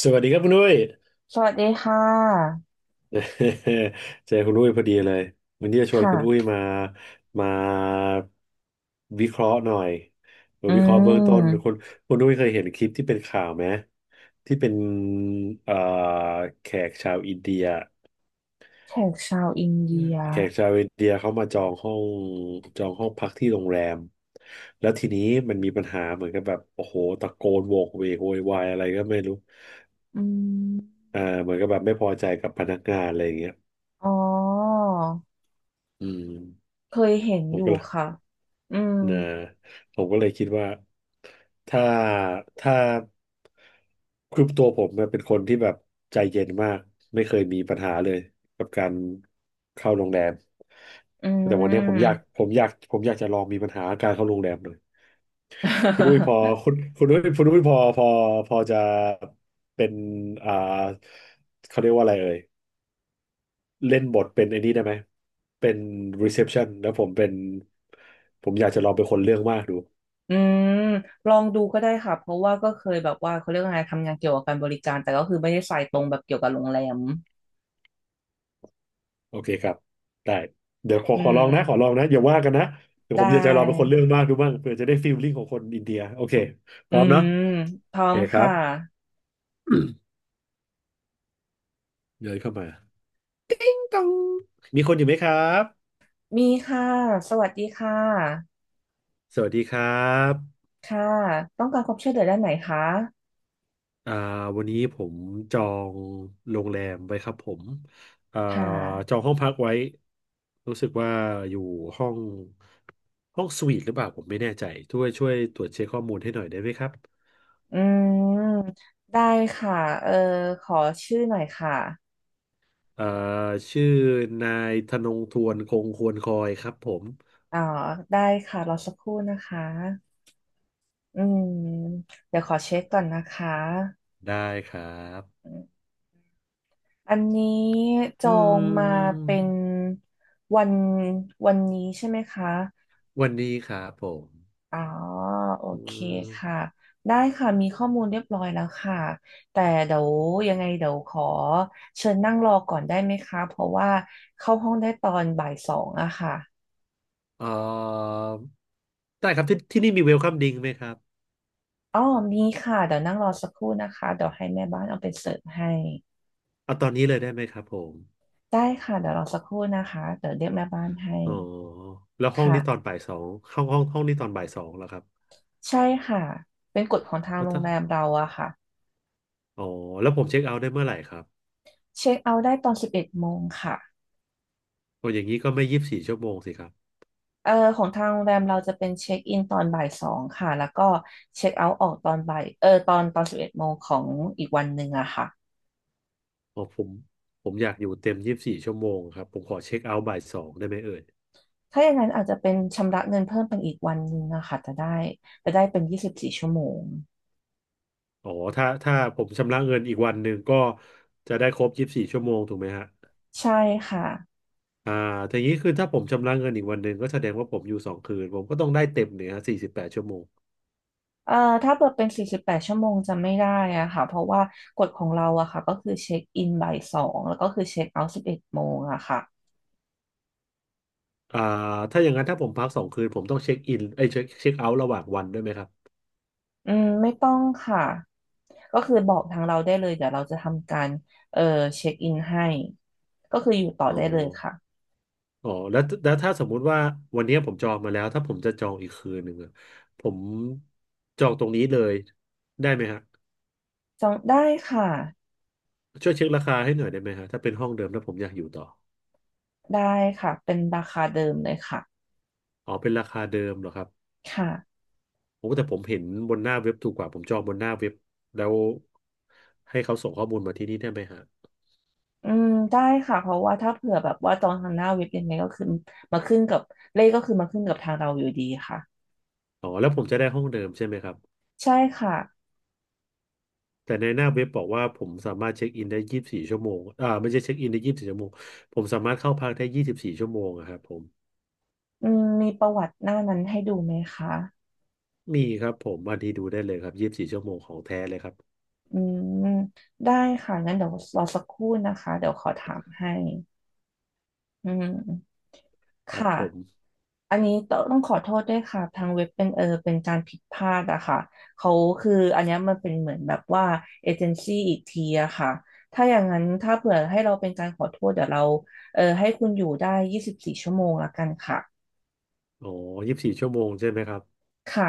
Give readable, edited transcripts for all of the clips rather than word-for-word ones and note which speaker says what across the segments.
Speaker 1: สวัสดีครับคุณอุ้ย
Speaker 2: สวัสดีค่ะ
Speaker 1: เจอคุณอุ้ยพอดีเลยวันนี้จะชวนคุณอุ้ย
Speaker 2: ค่ะ
Speaker 1: มาวิเคราะห์หน่อยมา
Speaker 2: อื
Speaker 1: วิเคราะห์เบื้องต้นคุ
Speaker 2: ม
Speaker 1: ณคุณอุ้ยเคยเห็นคลิปที่เป็นข่าวไหมที่เป็นเอ่อแขกชาวอินเดีย
Speaker 2: แขกชาวอิน
Speaker 1: อื
Speaker 2: เดี
Speaker 1: ม
Speaker 2: ย
Speaker 1: แขกชาวอินเดียเขามาจองห้องพักที่โรงแรมแล้วทีนี้มันมีปัญหาเหมือนกับแบบโอ้โหตะโกนโวกเวกโวยวายอะไรก็ไม่รู้
Speaker 2: อืม
Speaker 1: เหมือนกับแบบไม่พอใจกับพนักงานอะไรอย่างเงี้ย
Speaker 2: อ๋อ
Speaker 1: อืม
Speaker 2: เคยเห็น
Speaker 1: ผ
Speaker 2: อ
Speaker 1: ม
Speaker 2: ยู่
Speaker 1: ก็เลย
Speaker 2: ค่ะอืม
Speaker 1: นะผมก็เลยคิดว่าถ้าถ้าคือตัวผมเนี่ยเป็นคนที่แบบใจเย็นมากไม่เคยมีปัญหาเลยกับการเข้าโรงแรม
Speaker 2: อืม อื
Speaker 1: แต่วันเนี้ยผม
Speaker 2: ม
Speaker 1: อ ยากผมอยากผมอยากจะลองมีปัญหาการเข้าโรงแรมเลยคุณอุ้ยพอคุณคุณอุ้ยคุณอุ้ยพอพอพอจะเป็นอ่าเขาเรียกว่าอะไรเอ่ยเล่นบทเป็นไอ้นี่ได้ไหมเป็น reception แล้วผมเป็นผมอยากจะลองเป็นคนเรื่องมากดู
Speaker 2: ลองดูก็ได้ค่ะ เพราะว่าก็เคยแบบว่าเขาเรียกว่าไงทำงานเกี่ยวกับการบริการแต่ก็คือไม่ได้สายตรงแบบเกี่ยวกับโรงแรม
Speaker 1: โอเคครับได้เดี๋ยวขอ
Speaker 2: อื
Speaker 1: ขอ
Speaker 2: ม
Speaker 1: ลองนะขอลองนะอย่าว่ากันนะเดี๋ยว
Speaker 2: ได
Speaker 1: ผมอยากจะลองเป็นคน
Speaker 2: ้
Speaker 1: เรื่องมากดูบ้างเผื่อจะได้ฟีลลิ่งของคนอินเดียโอเค พ
Speaker 2: อื
Speaker 1: ร้อมเนาะ
Speaker 2: มพ
Speaker 1: โอ
Speaker 2: ร้อ
Speaker 1: เค
Speaker 2: ม
Speaker 1: ครั
Speaker 2: ค่ะ
Speaker 1: บ เดินเข้ามาตองมีคนอยู่ไหมครับ
Speaker 2: มีค่ะสวัสดีค่ะ
Speaker 1: สวัสดีครับ
Speaker 2: ค่ะต้องการความช่วยเหลือด้านไหนคะ
Speaker 1: อ่าวันนี้ผมจองโรงแรมไว้ครับผมอ่า
Speaker 2: ค่ะ
Speaker 1: จองห้องพักไว้รู้สึกว่าอยู่ห้องห้องสวีทหรือเปล่าผมไม่แน่ใจช่วยตรวจเช็คข้อมูลให้หน่อยได้ไหมครับ
Speaker 2: อืมได้ค่ะเออขอชื่อหน่อยค่ะ
Speaker 1: เอ่อชื่อนายธนงทวนคงควรคอยครับผม
Speaker 2: อ๋อได้ค่ะรอสักครู่นะคะอืมเดี๋ยวขอเช็คก่อนนะคะ
Speaker 1: ได้ครับ
Speaker 2: อันนี้จ
Speaker 1: อื
Speaker 2: องมา
Speaker 1: ม
Speaker 2: เป็นวันวันนี้ใช่ไหมคะ
Speaker 1: วันนี้ครับผม
Speaker 2: อ๋อโอ
Speaker 1: อื
Speaker 2: เค
Speaker 1: ม
Speaker 2: ค่ะได้ค่ะมีข้อมูลเรียบร้อยแล้วค่ะแต่เดี๋ยวยังไงเดี๋ยวขอเชิญนั่งรอก่อนได้ไหมคะเพราะว่าเข้าห้องได้ตอนบ่ายสองอะค่ะ
Speaker 1: เอ่อได้ครับที่นี่มีเวลคัมดิงไหมครับ
Speaker 2: อ๋อมีค่ะ เดี๋ยวนั่งรอสักครู่นะคะ เดี๋ยวให้แม่บ้านเอาไปเสิร์ฟให้
Speaker 1: เอาตอนนี้เลยได้ไหมครับผม
Speaker 2: ได้ค่ะเดี๋ยวรอสักครู่นะคะ เดี๋ยวเรียกแม่บ้านให้
Speaker 1: อ๋อแล้วห้องนี้ตอน
Speaker 2: ค่ะ
Speaker 1: บ่ายสองห้องนี้ตอนบ่ายสองแล้วครับ
Speaker 2: ใช่ค่ะ เป็นกฎของทาง
Speaker 1: แล้ว
Speaker 2: โรง
Speaker 1: ถ้า
Speaker 2: แรมเราอะค่ะ
Speaker 1: อ๋อแล้วผมเช็คเอาท์ได้เมื่อไหร่ครับ
Speaker 2: เช็คเอาท์ได้ตอนสิบเอ็ดโมงค่ะ
Speaker 1: โอ้อย่างนี้ก็ไม่ยี่สิบสี่ชั่วโมงสิครับ
Speaker 2: ของทางโรงแรมเราจะเป็นเช็คอินตอนบ่ายสองค่ะแล้วก็เช็คเอาท์ออกตอนบ่ายเออตอนตอนสิบเอ็ดโมงของอีกวันหนึ่งอะค่ะ
Speaker 1: อ๋อผมอยากอยู่เต็มยี่สิบสี่ชั่วโมงครับผมขอเช็คเอาท์บ่ายสองได้ไหมเอ่ย
Speaker 2: ถ้าอย่างนั้นอาจจะเป็นชำระเงินเพิ่มเป็นอีกวันหนึ่งอะค่ะจะได้จะได้เป็นยี่สิบสี่ชั่วโมง
Speaker 1: อ๋อถ้าผมชำระเงินอีกวันหนึ่งก็จะได้ครบยี่สิบสี่ชั่วโมงถูกไหมฮะ
Speaker 2: ใช่ค่ะ
Speaker 1: อ่าทีนี้คือถ้าผมชำระเงินอีกวันหนึ่งก็แสดงว่าผมอยู่สองคืนผมก็ต้องได้เต็มเนี่ยฮะ48 ชั่วโมง
Speaker 2: เอ่อถ้าเปิดเป็น48 ชั่วโมงจะไม่ได้อะค่ะเพราะว่ากฎของเราอะค่ะก็คือเช็คอินบ่ายสองแล้วก็คือเช็คเอาท์สิบเอ็ดโมงอะค่ะ
Speaker 1: อ่าถ้าอย่างนั้นถ้าผมพักสองคืนผมต้องเช็คอินไอ้ยเช็คเช็คเอาท์ระหว่างวันด้วยไหมครับ
Speaker 2: อืมไม่ต้องค่ะก็คือบอกทางเราได้เลยเดี๋ยวเราจะทำการเอ่อเช็คอินให้ก็คืออยู่ต่อ
Speaker 1: อ๋อ
Speaker 2: ได้เลยค่ะ
Speaker 1: อ๋อแล้วถ้าสมมุติว่าวันนี้ผมจองมาแล้วถ้าผมจะจองอีกคืนหนึ่งอะผมจองตรงนี้เลยได้ไหมฮะ
Speaker 2: จองได้ค่ะ
Speaker 1: ช่วยเช็คราคาให้หน่อยได้ไหมฮะถ้าเป็นห้องเดิมแล้วผมอยากอยู่ต่อ
Speaker 2: ได้ค่ะเป็นราคาเดิมเลยค่ะ
Speaker 1: อ๋อเป็นราคาเดิมเหรอครับ
Speaker 2: ค่ะ
Speaker 1: โอ้แต่ผมเห็นบนหน้าเว็บถูกกว่าผมจองบนหน้าเว็บแล้วให้เขาส่งข้อมูลมาที่นี่ได้ไหมฮะ
Speaker 2: อืมได้ค่ะเพราะว่าถ้าเผื่อแบบว่าจองทางหน้าเว็บยังไงก็คือมาขึ้นกับเลขก็คือมาขึ้นกับทางเราอยู่ดีค่ะ
Speaker 1: อ๋อแล้วผมจะได้ห้องเดิมใช่ไหมครับ
Speaker 2: ใช่ค่ะ
Speaker 1: แต่ในหน้าเว็บบอกว่าผมสามารถเช็คอินได้ยี่สิบสี่ชั่วโมงไม่ใช่เช็คอินได้ยี่สิบสี่ชั่วโมงผมสามารถเข้าพักได้ยี่สิบสี่ชั่วโมงอะครับผม
Speaker 2: อืมมีประวัติหน้านั้นให้ดูไหมคะ
Speaker 1: มีครับผมวันที่ดูได้เลยครับยี่สิบสี่ชั่วโมงของแท้เลยครับ
Speaker 2: อืมได้ค่ะงั้นเดี๋ยวรอสักครู่นะคะเดี๋ยวขอถามให้อืม
Speaker 1: ครับ
Speaker 2: ค่ะ
Speaker 1: ผม
Speaker 2: อันนี้ต้องขอโทษด้วยค่ะทางเว็บเป็นเป็นการผิดพลาดอะค่ะเขาคืออันเนี้ยมันเป็นเหมือนแบบว่าเอเจนซี่อีกทีอะค่ะถ้าอย่างนั้นถ้าเผื่อให้เราเป็นการขอโทษเดี๋ยวเราให้คุณอยู่ได้ยี่สิบสี่ชั่วโมงละกันค่ะ
Speaker 1: อ๋อยี่สิบสี่ชั่วโมงใช่ไหมครับ
Speaker 2: ค่ะ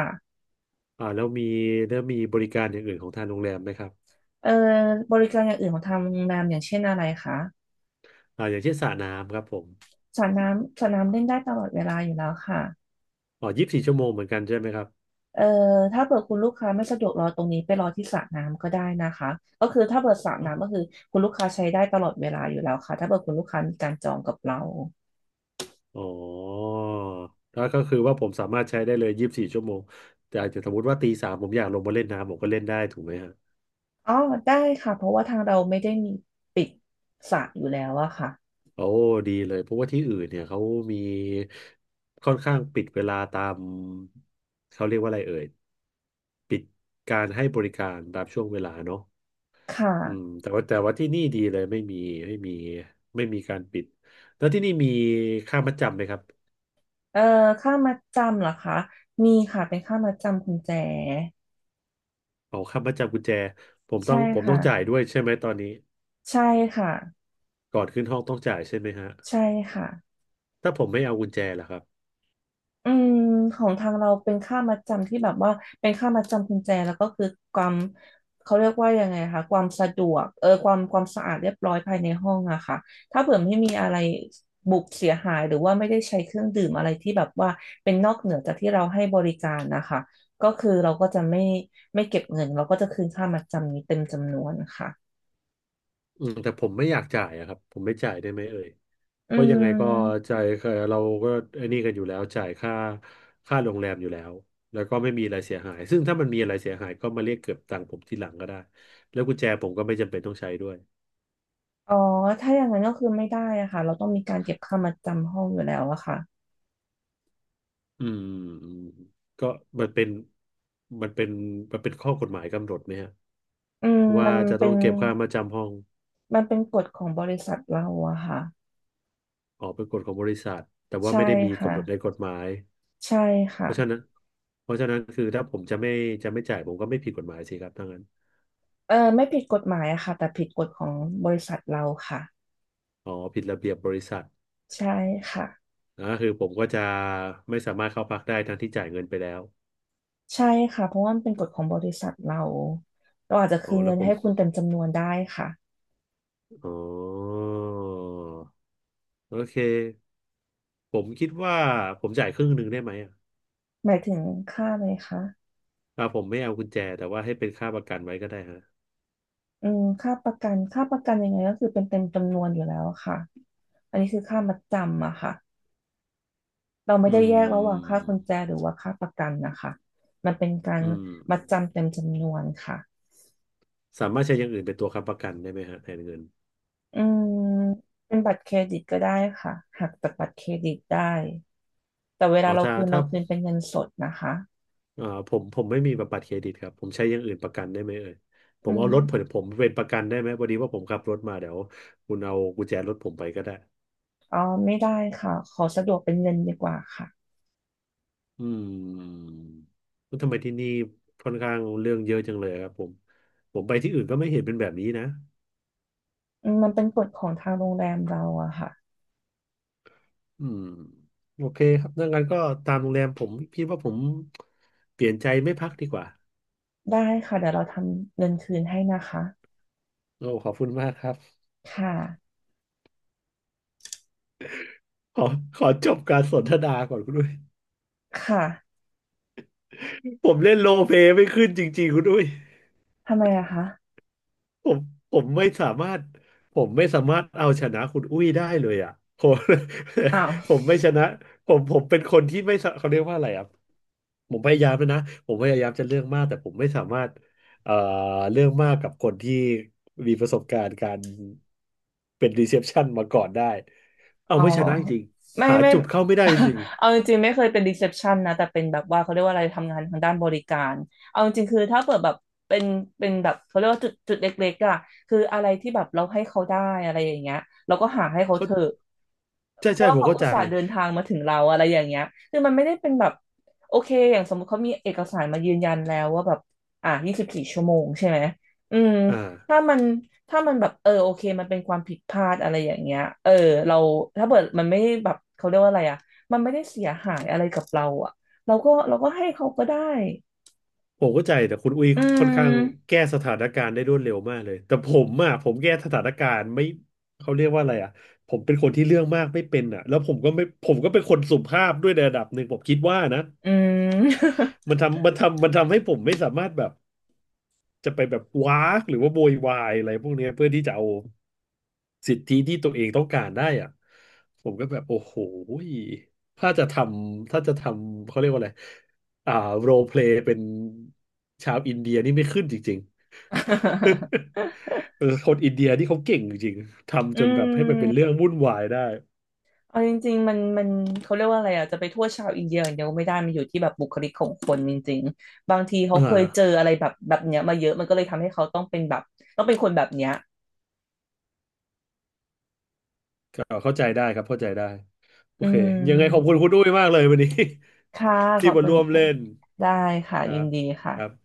Speaker 1: อ่าแล้วมีแล้วมีบริการอย่างอื่นของทางโรงแรมไหมครับ
Speaker 2: เออบริการอย่างอื่นของทางโรงแรมอย่างเช่นอะไรคะ
Speaker 1: อย่างเช่นสระน้ำครับผม
Speaker 2: สระน้ำสระน้ำเล่นได้ตลอดเวลาอยู่แล้วค่ะ
Speaker 1: อ๋อยี่สิบสี่ชั่วโมงเหมือนกันใช่ไหมครับ
Speaker 2: เอ่อถ้าเปิดคุณลูกค้าไม่สะดวกรอตรงนี้ไปรอที่สระน้ำก็ได้นะคะก็คือถ้าเปิดสระน้ำก็คือคุณลูกค้าใช้ได้ตลอดเวลาอยู่แล้วค่ะถ้าเปิดคุณลูกค้ามีการจองกับเรา
Speaker 1: อ๋อแล้วก็คือว่าผมสามารถใช้ได้เลยยี่สิบสี่ชั่วโมง แต่อาจจะสมมติว่าตีสามผมอยากลงมาเล่นน้ำผมก็เล่นได้ถูกไหมฮะ
Speaker 2: อ๋อได้ค่ะเพราะว่าทางเราไม่ได้มีปิดสระอยู่แล้วอะค่ะ
Speaker 1: โอ้ดีเลยเพราะว่าที่อื่นเนี่ยเขามีค่อนข้างปิดเวลาตามเขาเรียกว่าอะไรเอ่ยการให้บริการตามช่วงเวลาเนาะ
Speaker 2: ค่ะ
Speaker 1: อืมแต่ว่าที่นี่ดีเลยไม่มีไม่มีการปิดแล้วที่นี่มีค่ามัดจำไหมครับ
Speaker 2: เอ่อค่ามัดจำเหรอคะมีค่ะเป็นค่ามัดจำคุณแจ
Speaker 1: เอาค่ามัดจำกุญแจผมต้อ
Speaker 2: ใช่
Speaker 1: งผมต้อ
Speaker 2: ค่ะ
Speaker 1: งจ่ายด้วยใช่ไหมตอนนี้
Speaker 2: ใช่ค่ะ
Speaker 1: ก่อนขึ้นห้องต้องจ่ายใช่ไหมฮะ
Speaker 2: ใช่ค่ะ
Speaker 1: ถ้าผมไม่เอากุญแจล่ะครับ
Speaker 2: อืมของทางเราเป็นค่ามัดจำที่แบบว่าเป็นค่ามัดจำกุญแจแล้วก็คือความเขาเรียกว่ายังไงคะความสะดวกความสะอาดเรียบร้อยภายในห้องอะค่ะถ้าเผื่อไม่มีอะไรบุบเสียหายหรือว่าไม่ได้ใช้เครื่องดื่มอะไรที่แบบว่าเป็นนอกเหนือจากที่เราให้บริการนะคะก็คือเราก็จะไม่เก็บเงินเราก็จะคืนค่ามัดจำนี้เต็มจำนวนค่ะ
Speaker 1: แต่ผมไม่อยากจ่ายอะครับผมไม่จ่ายได้ไหมเอ่ยเพ
Speaker 2: อื
Speaker 1: ราะยังไงก็
Speaker 2: ม
Speaker 1: จ่ายเราก็ไอ้นี่กันอยู่แล้วจ่ายค่าโรงแรมอยู่แล้วแล้วก็ไม่มีอะไรเสียหายซึ่งถ้ามันมีอะไรเสียหายก็มาเรียกเก็บตังค์ผมทีหลังก็ได้แล้วกุญแจผมก็ไม่จำเป็นต้องใช้ด้วย
Speaker 2: อ๋อถ้าอย่างนั้นก็คือไม่ได้อะค่ะเราต้องมีการเก็บค่ามัดจำห้องอยู่แล้วอะค่ะ
Speaker 1: อืมอืมก็มันเป็นมันเป็นมันเป็นข้อกฎหมายกำหนดไหมฮะ
Speaker 2: อืม
Speaker 1: ว่าจะต้องเก็บค่ามาจำห้อง
Speaker 2: มันเป็นกฎของบริษัทเราอะค่ะ
Speaker 1: ออกเป็นกฎของบริษัทแต่ว่า
Speaker 2: ใช่
Speaker 1: ไม่ได้มี
Speaker 2: ค่ะ
Speaker 1: กำหนดในกฎหมาย
Speaker 2: ใช่
Speaker 1: เพ
Speaker 2: ค่ะ
Speaker 1: ราะฉะนั้นเพราะฉะนั้นคือถ้าผมจะไม่จะไม่จ่ายผมก็ไม่ผิดกฎหมายสิครับถ้างั้น
Speaker 2: ไม่ผิดกฎหมายอะค่ะแต่ผิดกฎของบริษัทเราค่ะ
Speaker 1: อ๋อผิดระเบียบบริษัท
Speaker 2: ใช่ค่ะ
Speaker 1: นะคือผมก็จะไม่สามารถเข้าพักได้ทั้งที่จ่ายเงินไปแล้ว
Speaker 2: ใช่ค่ะเพราะว่ามันเป็นกฎของบริษัทเราเราอาจจะ
Speaker 1: อ๋อ
Speaker 2: คืน
Speaker 1: แล้
Speaker 2: เงิ
Speaker 1: ว
Speaker 2: น
Speaker 1: ผ
Speaker 2: ให้
Speaker 1: ม
Speaker 2: คุณเต็มจำนวนได้ค่ะ
Speaker 1: อ๋อโอเคผมคิดว่าผมจ่ายครึ่งหนึ่งได้ไหมอ่ะ
Speaker 2: หมายถึงค่าอะไรคะ
Speaker 1: ผมไม่เอากุญแจแต่ว่าให้เป็นค่าประกันไว้ก็ได้ฮะ
Speaker 2: อืมค่าประกันค่าประกันยังไงก็คือเป็นเต็มจำนวนอยู่แล้วค่ะอันนี้คือค่ามัดจำอะค่ะเราไม่
Speaker 1: อื
Speaker 2: ได้แยกระหว่างค่า
Speaker 1: ม
Speaker 2: กุญแจหรือว่าค่าประกันนะคะมันเป็นการ
Speaker 1: อืม
Speaker 2: มัดจำเต็มจำนวนค่ะ
Speaker 1: สามารถใช้อย่างอื่นเป็นตัวค้ำประกันได้ไหมฮะแทนเงิน
Speaker 2: อืมเป็นบัตรเครดิตก็ได้ค่ะหักจากบัตรเครดิตได้แต่เว
Speaker 1: อ๋
Speaker 2: ลา
Speaker 1: อ
Speaker 2: เราคืน
Speaker 1: ถ้า
Speaker 2: เราคืนเป็นเงินสดนะคะ
Speaker 1: ผมไม่มีแบบบัตรเครดิตครับผมใช้อย่างอื่นประกันได้ไหมเอ่ยผ
Speaker 2: อื
Speaker 1: มเอารถผม
Speaker 2: ม
Speaker 1: เป็นประกันได้ไหมพอดีว่าผมขับรถมาเดี๋ยวคุณเอากุญแจรถผมไปก็ได้
Speaker 2: อ๋อไม่ได้ค่ะขอสะดวกเป็นเงินดีกว่าค่ะ
Speaker 1: อืมแล้วทำไมที่นี่ค่อนข้างเรื่องเยอะจังเลยครับผมผมไปที่อื่นก็ไม่เห็นเป็นแบบนี้นะ
Speaker 2: อืมมันเป็นกฎของทางโรงแรมเราอะค่ะ
Speaker 1: อืมโอเคครับดังนั้นก็ตามโรงแรมผมพี่ว่าผมเปลี่ยนใจไม่พักดีกว่า
Speaker 2: ได้ค่ะเดี๋ยวเราทำเงินคืนให้นะคะ
Speaker 1: โอ้ขอบคุณมากครับ
Speaker 2: ค่ะ
Speaker 1: ขอขอจบการสนทนาก่อนคุณด้วย
Speaker 2: ค่ะ
Speaker 1: ผมเล่นโรลเพลย์ไม่ขึ้นจริงๆคุณด้วย
Speaker 2: ทำไมอะคะ
Speaker 1: ผมผมไม่สามารถผมไม่สามารถเอาชนะคุณอุ้ยได้เลยอ่ะผม
Speaker 2: อ้าว
Speaker 1: ผมไม่ชนะผมเป็นคนที่ไม่สะเขาเรียกว่าอะไรอ่ะผมพยายามแล้วนะผมพยายามจะเรื่องมากแต่ผมไม่สามารถเอ่อเรื่องมากกับคนที่มีประสบการณ์การเป็นรีเซพชันมาก่อนได้เอา
Speaker 2: อ๋อ
Speaker 1: ไม่ชนะจริง
Speaker 2: ไม่
Speaker 1: ๆหา
Speaker 2: ไม่
Speaker 1: จุดเข้าไม่ได้จริง
Speaker 2: เอาจริงๆไม่เคยเป็นรีเซพชันนะแต่เป็นแบบว่าเขาเรียกว่าอะไรทำงานทางด้านบริการเอาจริงๆคือถ้าเปิดแบบเป็นเป็นแบบเขาเรียกว่าจุดจุดเล็กๆอะคืออะไรที่แบบเราให้เขาได้อะไรอย่างเงี้ยเราก็หาให้
Speaker 1: ๆ
Speaker 2: เขา
Speaker 1: เขา
Speaker 2: เถอะ
Speaker 1: ใช่
Speaker 2: เพราะ
Speaker 1: ใช่
Speaker 2: ว่า
Speaker 1: ผม
Speaker 2: เขา
Speaker 1: เข้า
Speaker 2: อุ
Speaker 1: ใจ
Speaker 2: ตส่าห์เดินทางมาถึงเราอะไรอย่างเงี้ยคือมันไม่ได้เป็นแบบโอเคอย่างสมมติเขามีเอกสารมายืนยันแล้วว่าแบบอ่ะยี่สิบสี่ชั่วโมงใช่ไหมอืม
Speaker 1: อ่า
Speaker 2: ถ้ามันถ้ามันแบบเออโอเคมันเป็นความผิดพลาดอะไรอย่างเงี้ยเออเราถ้าเกิดมันไม่ได้แบบเขาเรียกว่าอะไรอ่ะมันไม่ได้เสียหายอะไรกับเราอ่ะเราก็ให้เขาก็ได้
Speaker 1: ผมเข้าใจแต่คุณอุ้ย
Speaker 2: อื
Speaker 1: ค่อน
Speaker 2: ม
Speaker 1: ข้างแก้สถานการณ์ได้รวดเร็วมากเลยแต่ผมอ่ะผมแก้สถานการณ์ไม่เขาเรียกว่าอะไรอ่ะผมเป็นคนที่เรื่องมากไม่เป็นอ่ะแล้วผมก็ไม่ผมก็เป็นคนสุภาพด้วยในระดับหนึ่งผมคิดว่านะ
Speaker 2: อืม
Speaker 1: มันทำให้ผมไม่สามารถแบบ จะไปแบบว้ากหรือว่าโวยวายอะไรพวกเนี้ยเพื่อที่จะเอาสิทธิที่ตัวเองต้องการได้อ่ะผมก็แบบโอ้โหยถ้าจะทถ้าจะทำเขาเรียกว่าอะไรอ่าโรลเพลย์เป็นชาวอินเดียนี่ไม่ขึ้นจริง ๆ เออคนอินเดียที่เขาเก่งจริงๆ
Speaker 2: อื
Speaker 1: ทำจนแบบให้มันเป็นเรื่
Speaker 2: ม
Speaker 1: องวุ่นวายได้
Speaker 2: เอาจริงๆมันเขาเรียกว่าอะไรอ่ะจะไปโทษชาวอินเดียอย่างเดียวไม่ได้มันอยู่ที่แบบบุคลิกของคนจริงๆบางทีเขา
Speaker 1: อ่
Speaker 2: เคยเจอ
Speaker 1: า
Speaker 2: อะไรแบบเนี้ยมาเยอะมันก็เลยทำให้เขาต้องเป็นแบบต้องเป็นคนแบบเนี้ย
Speaker 1: ก็เข้าใจได้ครับเข้าใจได้โอ
Speaker 2: อื
Speaker 1: เคยังไงขอบคุณ
Speaker 2: ม
Speaker 1: คุณอุ้ยมากเลยวันนี้
Speaker 2: ค่ะ ข
Speaker 1: ที่
Speaker 2: อบ
Speaker 1: มา
Speaker 2: คุณ
Speaker 1: ร่วม
Speaker 2: ค่ะ
Speaker 1: เล่น
Speaker 2: ได้ค่ะ
Speaker 1: ครั
Speaker 2: ยิน
Speaker 1: บ
Speaker 2: ดี
Speaker 1: ครับ
Speaker 2: ค่ะ